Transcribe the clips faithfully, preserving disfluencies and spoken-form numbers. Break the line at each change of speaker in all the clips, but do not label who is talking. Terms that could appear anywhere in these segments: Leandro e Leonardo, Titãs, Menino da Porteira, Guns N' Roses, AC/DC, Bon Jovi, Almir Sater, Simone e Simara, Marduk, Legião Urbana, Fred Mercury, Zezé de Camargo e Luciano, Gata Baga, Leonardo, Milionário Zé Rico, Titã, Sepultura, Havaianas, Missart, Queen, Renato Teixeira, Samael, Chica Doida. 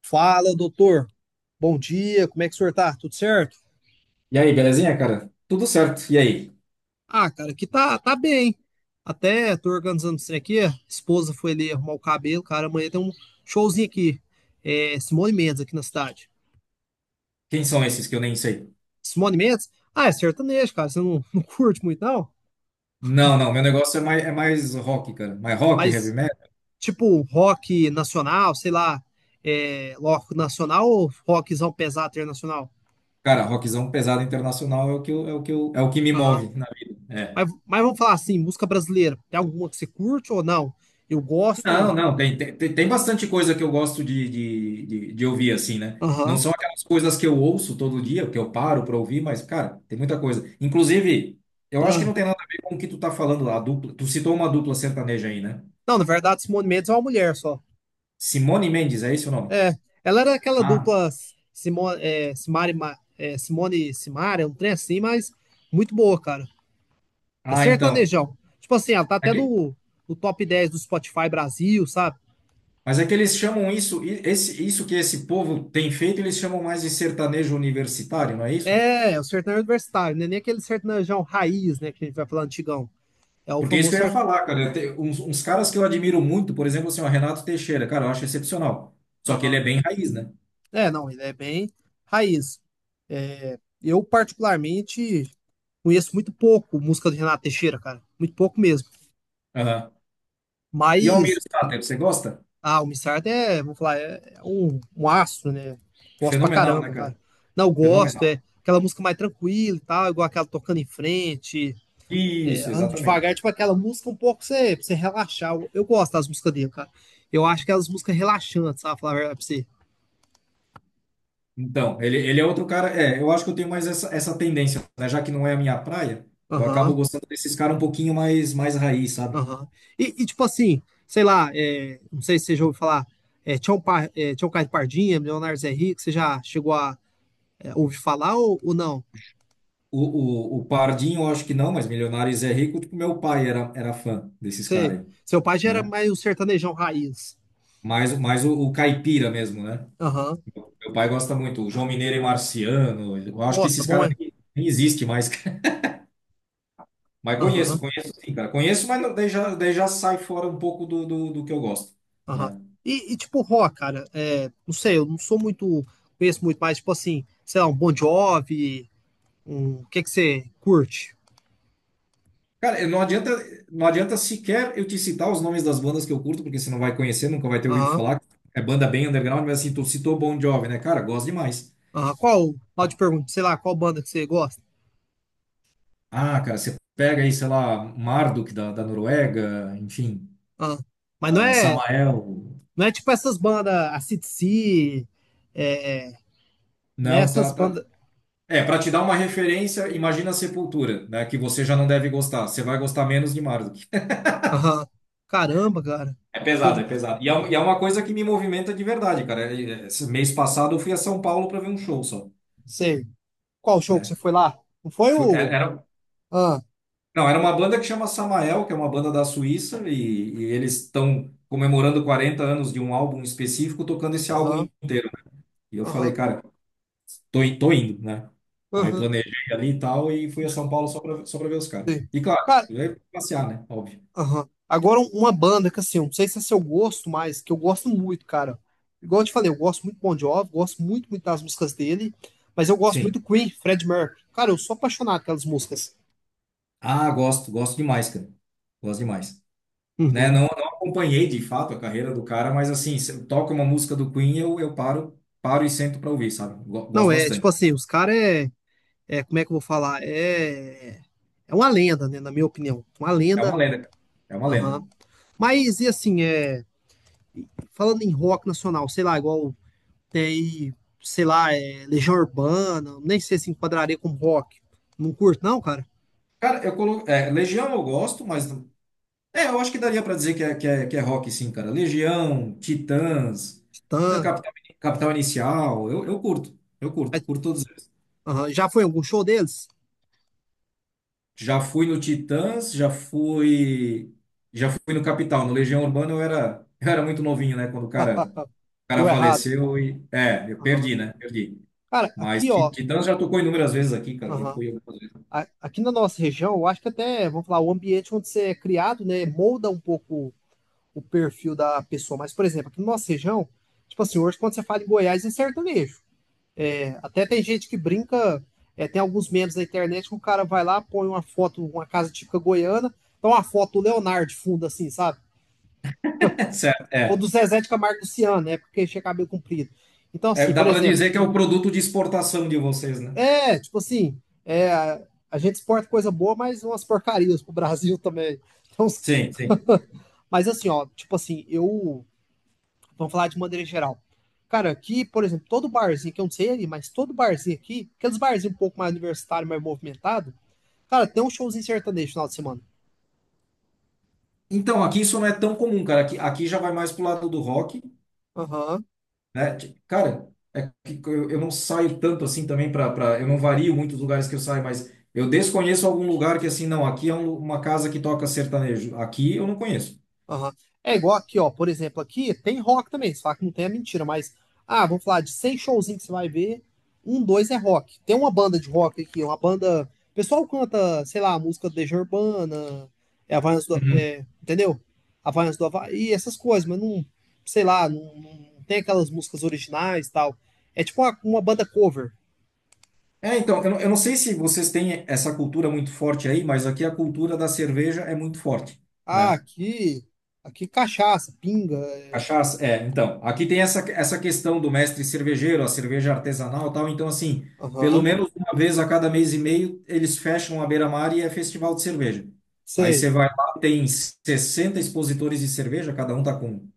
Fala, doutor. Bom dia, como é que o senhor tá? Tudo certo?
E aí, belezinha, cara? Tudo certo. E aí?
Ah, cara, aqui tá, tá bem. Até tô organizando isso aqui. A esposa foi ali arrumar o cabelo, cara. Amanhã tem um showzinho aqui. É, Simone Mendes aqui na cidade.
Quem são esses que eu nem sei?
Simone Mendes? Ah, é sertanejo, cara. Você não, não curte muito, não?
Não, não, meu negócio é mais, é mais rock, cara. Mais rock, heavy
Mas,
metal.
tipo, rock nacional, sei lá, é, rock nacional ou rockzão pesado internacional?
Cara, rockzão pesado internacional é o que, eu- é o que, eu- é o que me
Aham.
move na vida. É.
Mas, mas vamos falar assim, música brasileira. Tem alguma que você curte ou não? Eu
Não,
gosto.
não, tem, tem, tem tem bastante coisa que eu gosto de, de, de, de ouvir, assim, né? Não
Aham.
são aquelas coisas que eu ouço todo dia, que eu paro pra ouvir, mas, cara, tem muita coisa. Inclusive, eu acho que
Ah,
não tem nada a ver com o que tu tá falando lá, a dupla. Tu citou uma dupla sertaneja aí, né?
não, na verdade, Simone Mendes é uma mulher só.
Simone Mendes, é esse o nome?
É, ela era aquela
Ah,
dupla Simo, é, Simari, Ma- é, Simone e Simara, é um trem assim, mas muito boa, cara. É
ah, então.
sertanejão. Tipo assim, ela tá até no, no top dez do Spotify Brasil, sabe?
Mas é que eles chamam isso, i- esse, isso que esse povo tem feito, eles chamam mais de sertanejo universitário, não é isso?
É, é o sertanejo universitário, né? Nem aquele sertanejão raiz, né, que a gente vai falar antigão. É o
Porque é isso que
famoso
eu ia
sertanejo.
falar, cara. Tem uns, uns caras que eu admiro muito, por exemplo, assim, o Renato Teixeira, cara, eu acho excepcional. Só que ele é
Aham.
bem raiz, né?
É, não, ele é bem raiz. É, eu, particularmente, conheço muito pouco música do Renato Teixeira, cara. Muito pouco mesmo.
Aham. E Almir
Mas
Sater, você gosta?
ah, o Missart é, vamos falar, é é um, um astro, né? Gosto pra
Fenomenal, né,
caramba, cara.
cara?
Não, eu gosto, é
Fenomenal.
aquela música mais tranquila e tal, igual aquela tocando em frente, é,
Isso,
ando
exatamente.
devagar, tipo aquela música um pouco pra você, pra você relaxar. Eu, eu gosto das músicas dele, cara. Eu acho que elas músicas relaxantes, sabe? Falar a verdade pra você.
Então, ele, ele é outro cara. É, eu acho que eu tenho mais essa, essa tendência, né? Já que não é a minha praia, eu acabo
Aham,
gostando desses caras um pouquinho mais, mais raiz, sabe?
aham. E, e, tipo assim, sei lá, é, não sei se você já ouviu falar, é, Tião, Pa, é, Tião Caio de Pardinha, Milionário Zé Rico, você já chegou a é, ouvir falar ou, ou não?
O, o, o Pardinho, eu acho que não, mas Milionários é Rico, tipo, meu pai era, era fã desses
Sei.
caras aí,
Seu pai já era
né?
mais um sertanejão raiz.
Mais, mais o, o Caipira mesmo, né?
Aham.
Meu, meu pai gosta muito, o João Mineiro e Marciano, eu acho que
Nossa,
esses
bom
caras
é.
nem, nem existem mais. Mas conheço,
Aham,
conheço sim, cara. Conheço, mas não, daí já, daí já sai fora um pouco do, do, do que eu gosto,
aham.
né?
E, e tipo, rock, cara, é, não sei, eu não sou muito, conheço muito, mas tipo assim, sei lá, um Bon Jovi, um, o que que você curte?
Cara, não adianta, não adianta sequer eu te citar os nomes das bandas que eu curto, porque você não vai conhecer, nunca vai ter ouvido
Aham,
falar. É banda bem underground, mas assim, tu citou Bon Jovi, né? Cara, gosto demais.
aham. Qual, pode perguntar, sei lá, qual banda que você gosta?
Ah, cara, você pega aí, sei lá, Marduk da, da Noruega, enfim,
Aham. Mas não
ah,
é,
Samael.
não é tipo essas bandas, a AC/D C, é, é, né,
Não,
essas
tá, tá.
bandas,
É, para te dar uma referência, imagina a Sepultura, né? Que você já não deve gostar. Você vai gostar menos de Marduk.
aham. Caramba, cara,
É
show
pesado,
de,
é pesado. E é, um- e é
aham,
uma coisa que me movimenta de verdade, cara. eh, Esse mês passado eu fui a São Paulo para ver um show só,
sei. Qual show que você
né?
foi lá? Não foi
Fui- é-
o,
Era,
ah,
não, era uma banda que chama Samael, que é uma banda da Suíça, e e eles estão comemorando quarenta anos de um álbum específico, tocando esse álbum
aham,
inteiro. E eu falei,
aham.
cara. Tô, in- tô indo, né? Aí
Aham.
planejei ali e tal e fui a São Paulo só pra, só pra ver os caras.
Sim.
E claro,
Cara,
eu ia passear, né? Óbvio.
aham. Agora um- uma banda que assim, eu não sei se é seu gosto, mas que eu gosto muito, cara. Igual eu te falei, eu gosto muito do Bon Jovi, gosto muito, muito das músicas dele, mas eu gosto
Sim.
muito do Queen, Fred Mercury. Cara, eu sou apaixonado pelas músicas.
Ah, gosto, gosto demais, cara. Gosto demais. Né? Não,
Uhum.
não acompanhei de fato a carreira do cara, mas assim, se eu toco uma música do Queen, eu, eu paro, paro e sento pra ouvir, sabe? Go-
Não,
Gosto
é tipo
bastante.
assim, os caras é, é, como é que eu vou falar? É, é uma lenda, né, na minha opinião. Uma
É uma
lenda.
lenda, cara. É uma
Aham.
lenda.
Mas e assim, é, falando em rock nacional, sei lá, igual Tem, sei lá, é, Legião Urbana, nem sei se enquadraria como rock. Não curto, não, cara.
Cara, eu colo... é, Legião eu gosto, mas é, eu acho que daria pra dizer que é, que é, que é rock, sim, cara. Legião, Titãs, é,
Titã.
Capital, Capital Inicial, eu, eu curto, eu curto,
Mas,
por todos eles.
aham, já foi em algum show deles?
Já fui no Titãs, já fui, já fui no Capital, no Legião Urbana eu era, eu era muito novinho, né, quando o cara, o
Deu
cara
errado.
faleceu e, é, eu
Aham.
perdi, né, perdi.
Cara,
Mas
aqui,
Ti-
ó.
Titãs já tocou inúmeras vezes aqui, cara, já
aham,
fui algumas vezes.
a- Aqui na nossa região, eu acho que até, vamos falar, o ambiente onde você é criado, né, molda um pouco o perfil da pessoa. Mas, por exemplo, aqui na nossa região, tipo assim, hoje quando você fala em Goiás, é sertanejo. É, até tem gente que brinca, é, tem alguns memes na internet que o cara vai lá, põe uma foto, uma casa típica goiana, então uma foto do Leonardo de fundo, assim, sabe?
Certo,
Ou
é.
do Zezé de Camargo e Luciano, né? Porque tinha cabelo comprido. Então,
É,
assim,
dá
por
pra
exemplo,
dizer que é o produto de exportação de vocês, né?
é, tipo assim, é, a a gente exporta coisa boa, mas umas porcarias pro Brasil também. Então,
Sim, sim.
mas assim, ó, tipo assim, eu. Vamos falar de maneira geral. Cara, aqui, por exemplo, todo barzinho, que eu não sei ali, mas todo barzinho aqui, aqueles barzinhos um pouco mais universitário, mais movimentado, cara, tem um showzinho sertanejo no final de semana.
Então, aqui isso não é tão comum, cara. Aqui, aqui já vai mais pro lado do rock,
Aham,
né? Ti- Cara, é que eu, eu não saio tanto assim também para, para, eu não vario muitos lugares que eu saio, mas eu desconheço algum lugar que assim, não, aqui é um- uma casa que toca sertanejo. Aqui eu não conheço.
aham. É igual aqui, ó. Por exemplo, aqui tem rock também. Se falar que não tem é mentira, mas. Ah, vamos falar de cem showzinhos que você vai ver. Um, dois é rock. Tem uma banda de rock aqui, uma banda. O pessoal canta, sei lá, música do Legião Urbana, é Havaianas do.
Uhum.
É, entendeu? Havaianas do Havaí, essas coisas, mas não. Sei lá, não, não tem aquelas músicas originais e tal. É tipo uma, uma banda cover.
É, então, eu não, eu não sei se vocês têm essa cultura muito forte aí, mas aqui a cultura da cerveja é muito forte,
Ah,
né?
aqui. Aqui cachaça, pinga. é,
Cachaça, é, então, aqui tem essa, essa questão do mestre cervejeiro, a cerveja artesanal e tal, então assim, pelo
Aham.
menos uma vez a cada mês e meio eles fecham a beira-mar e é festival de cerveja. Aí você
Sei.
vai lá, tem sessenta expositores de cerveja, cada um tá com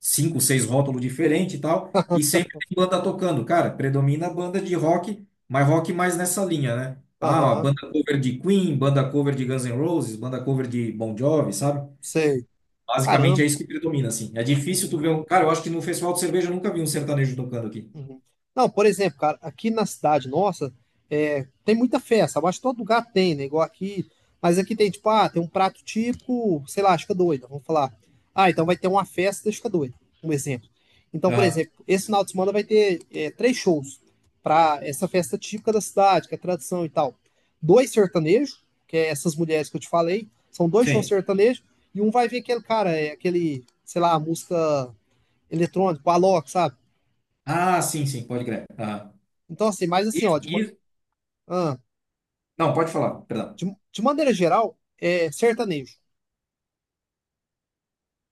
cinco, seis rótulos diferentes e tal, e sempre tem banda tocando. Cara, predomina a banda de rock, mas rock mais nessa linha, né? Ah, a
Aham,
banda cover de Queen, banda cover de Guns N' Roses, banda cover de Bon Jovi, sabe?
sei.
Basicamente é
Caramba.
isso que predomina, assim. É difícil tu
Uhum,
ver um. Cara, eu acho que no festival de cerveja eu nunca vi um sertanejo tocando aqui.
uhum. Não, por exemplo, cara, aqui na cidade nossa, é, tem muita festa. Eu acho que todo lugar tem, né? Igual aqui. Mas aqui tem, tipo, ah, tem um prato típico, sei lá, Chica Doida, vamos falar. Ah, então vai ter uma festa da Chica Doida, um exemplo. Então, por
Aham.
exemplo, esse final de semana vai ter é, três shows pra essa festa típica da cidade, que é tradição e tal. Dois sertanejos, que é essas mulheres que eu te falei, são dois shows
Sim.
sertanejos, e um vai ver aquele cara, é aquele, sei lá, a música eletrônico, Alok, sabe?
Ah, sim, sim, pode crer. Aham.
Então, assim, mas assim,
Isso,
ó, de, ma-
isso.
ah,
Não, pode falar, perdão.
de, de maneira geral, é sertanejo.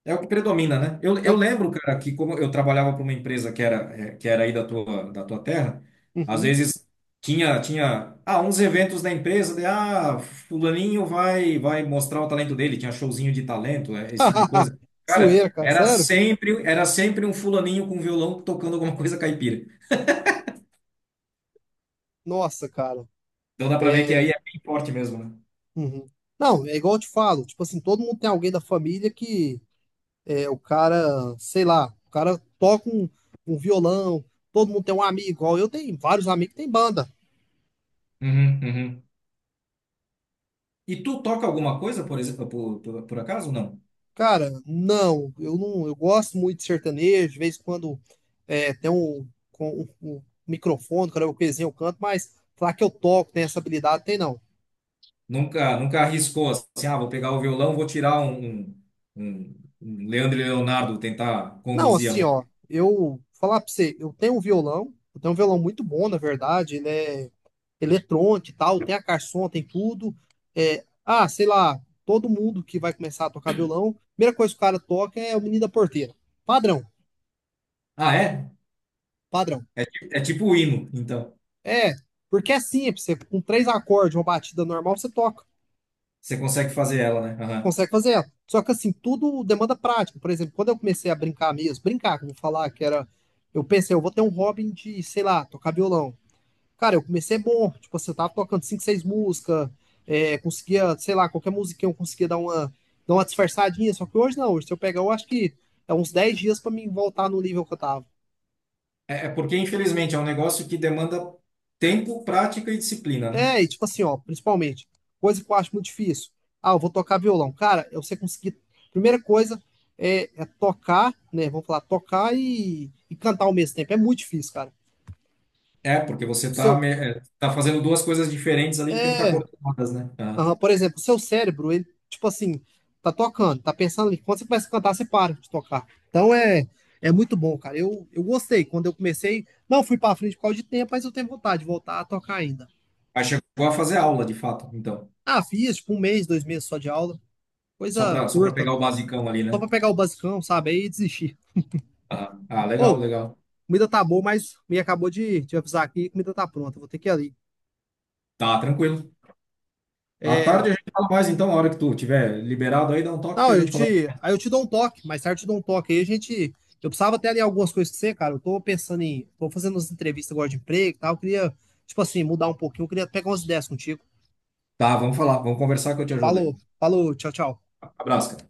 É o que predomina, né? Eu,
É o.
eu lembro, cara, que como eu trabalhava para uma empresa que era, eh, que era aí da tua, da tua terra, às
Uhum.
vezes tinha, tinha ah, uns eventos da empresa, de, ah, fulaninho vai, vai mostrar o talento dele, tinha showzinho de talento, eh, esse tipo de coisa.
Zoeira,
Cara,
cara,
era
sério?
sempre, era sempre um fulaninho com violão tocando alguma coisa caipira.
Nossa, cara.
Então dá para ver que aí
É.
é bem forte mesmo, né?
Uhum. Não, é igual eu te falo, tipo assim, todo mundo tem alguém da família que é o cara, sei lá, o cara toca um, um violão, todo mundo tem um amigo, igual eu tenho vários amigos que tem banda.
Uhum, uhum. E tu toca alguma coisa, por exemplo, por, por, por acaso? Não.
Cara, não, eu não, eu gosto muito de sertanejo, de vez em quando é, tem um, com- um- um microfone, cara, eu coisinha eu canto, mas falar que eu toco, tem essa habilidade, tem não.
Nunca, nunca arriscou assim, ah, vou pegar o violão, vou tirar um, um, um- um Leandro e Leonardo, tentar
Não,
conduzir a
assim, ó,
música.
eu falar pra você, eu tenho um violão, eu tenho um violão muito bom, na verdade, ele é eletrônico e tal, tem a caixa de som, tem tudo. É, ah, sei lá, todo mundo que vai começar a tocar violão, a primeira coisa que o cara toca é o Menino da Porteira. Padrão,
Ah, é?
padrão.
É, ti- é tipo o hino, então.
É, porque é simples, você, com três acordes, uma batida normal, você toca,
Você consegue fazer ela, né? Aham.
consegue fazer ela. Só que assim, tudo demanda prática. Por exemplo, quando eu comecei a brincar mesmo, brincar, que eu vou falar, que era. Eu pensei, eu vou ter um hobby de, sei lá, tocar violão. Cara, eu comecei bom, tipo assim, eu tava tocando cinco, seis músicas, é, conseguia, sei lá, qualquer musiquinha eu conseguia dar uma, dar uma disfarçadinha, só que hoje não, hoje se eu pegar, eu acho que é uns dez dias pra mim voltar no nível que eu tava.
É, é porque, infelizmente, é um negócio que demanda tempo, prática e disciplina, né?
É, e tipo assim, ó, principalmente, coisa que eu acho muito difícil. Ah, eu vou tocar violão. Cara, é você conseguir. Primeira coisa é, é tocar, né? Vamos falar, tocar e, e cantar ao mesmo tempo. É muito difícil, cara.
É, porque você
O
está
Seu,
tá me- é, tá fazendo duas coisas diferentes ali que tem que estar
é,
coordenadas, né? Aham.
aham, por exemplo, o seu cérebro, ele, tipo assim, tá tocando, tá pensando ali. Quando você começa a cantar, você para de tocar. Então é, é muito bom, cara. Eu, eu gostei. Quando eu comecei, não fui pra frente por causa de tempo, mas eu tenho vontade de voltar a tocar ainda.
Aí chegou a fazer aula, de fato, então.
Ah, fiz, tipo, um mês, dois meses só de aula.
Só
Coisa
para só para
curta.
pegar o basicão ali,
Só
né?
pra pegar o basicão, sabe? Aí desistir.
Aham. Ah,
Ou,
legal,
oh,
legal.
comida tá boa, mas me acabou de te avisar aqui, comida tá pronta, vou ter que ir ali.
Tá, tranquilo. À
É,
tarde a gente fala mais, então, a hora que tu tiver liberado aí, dá um toque que
não,
a
eu
gente conversa.
te, aí eu te dou um toque, mais tarde eu te dou um toque. Aí a gente, eu precisava até ali algumas coisas com você, cara. Eu tô pensando em, tô fazendo umas entrevistas agora de emprego e tal, eu queria, tipo assim, mudar um pouquinho, eu queria pegar umas ideias contigo.
Tá, vamos falar, vamos conversar que eu te ajudo aí.
Falou, falou, tchau, tchau.
Abraço, cara.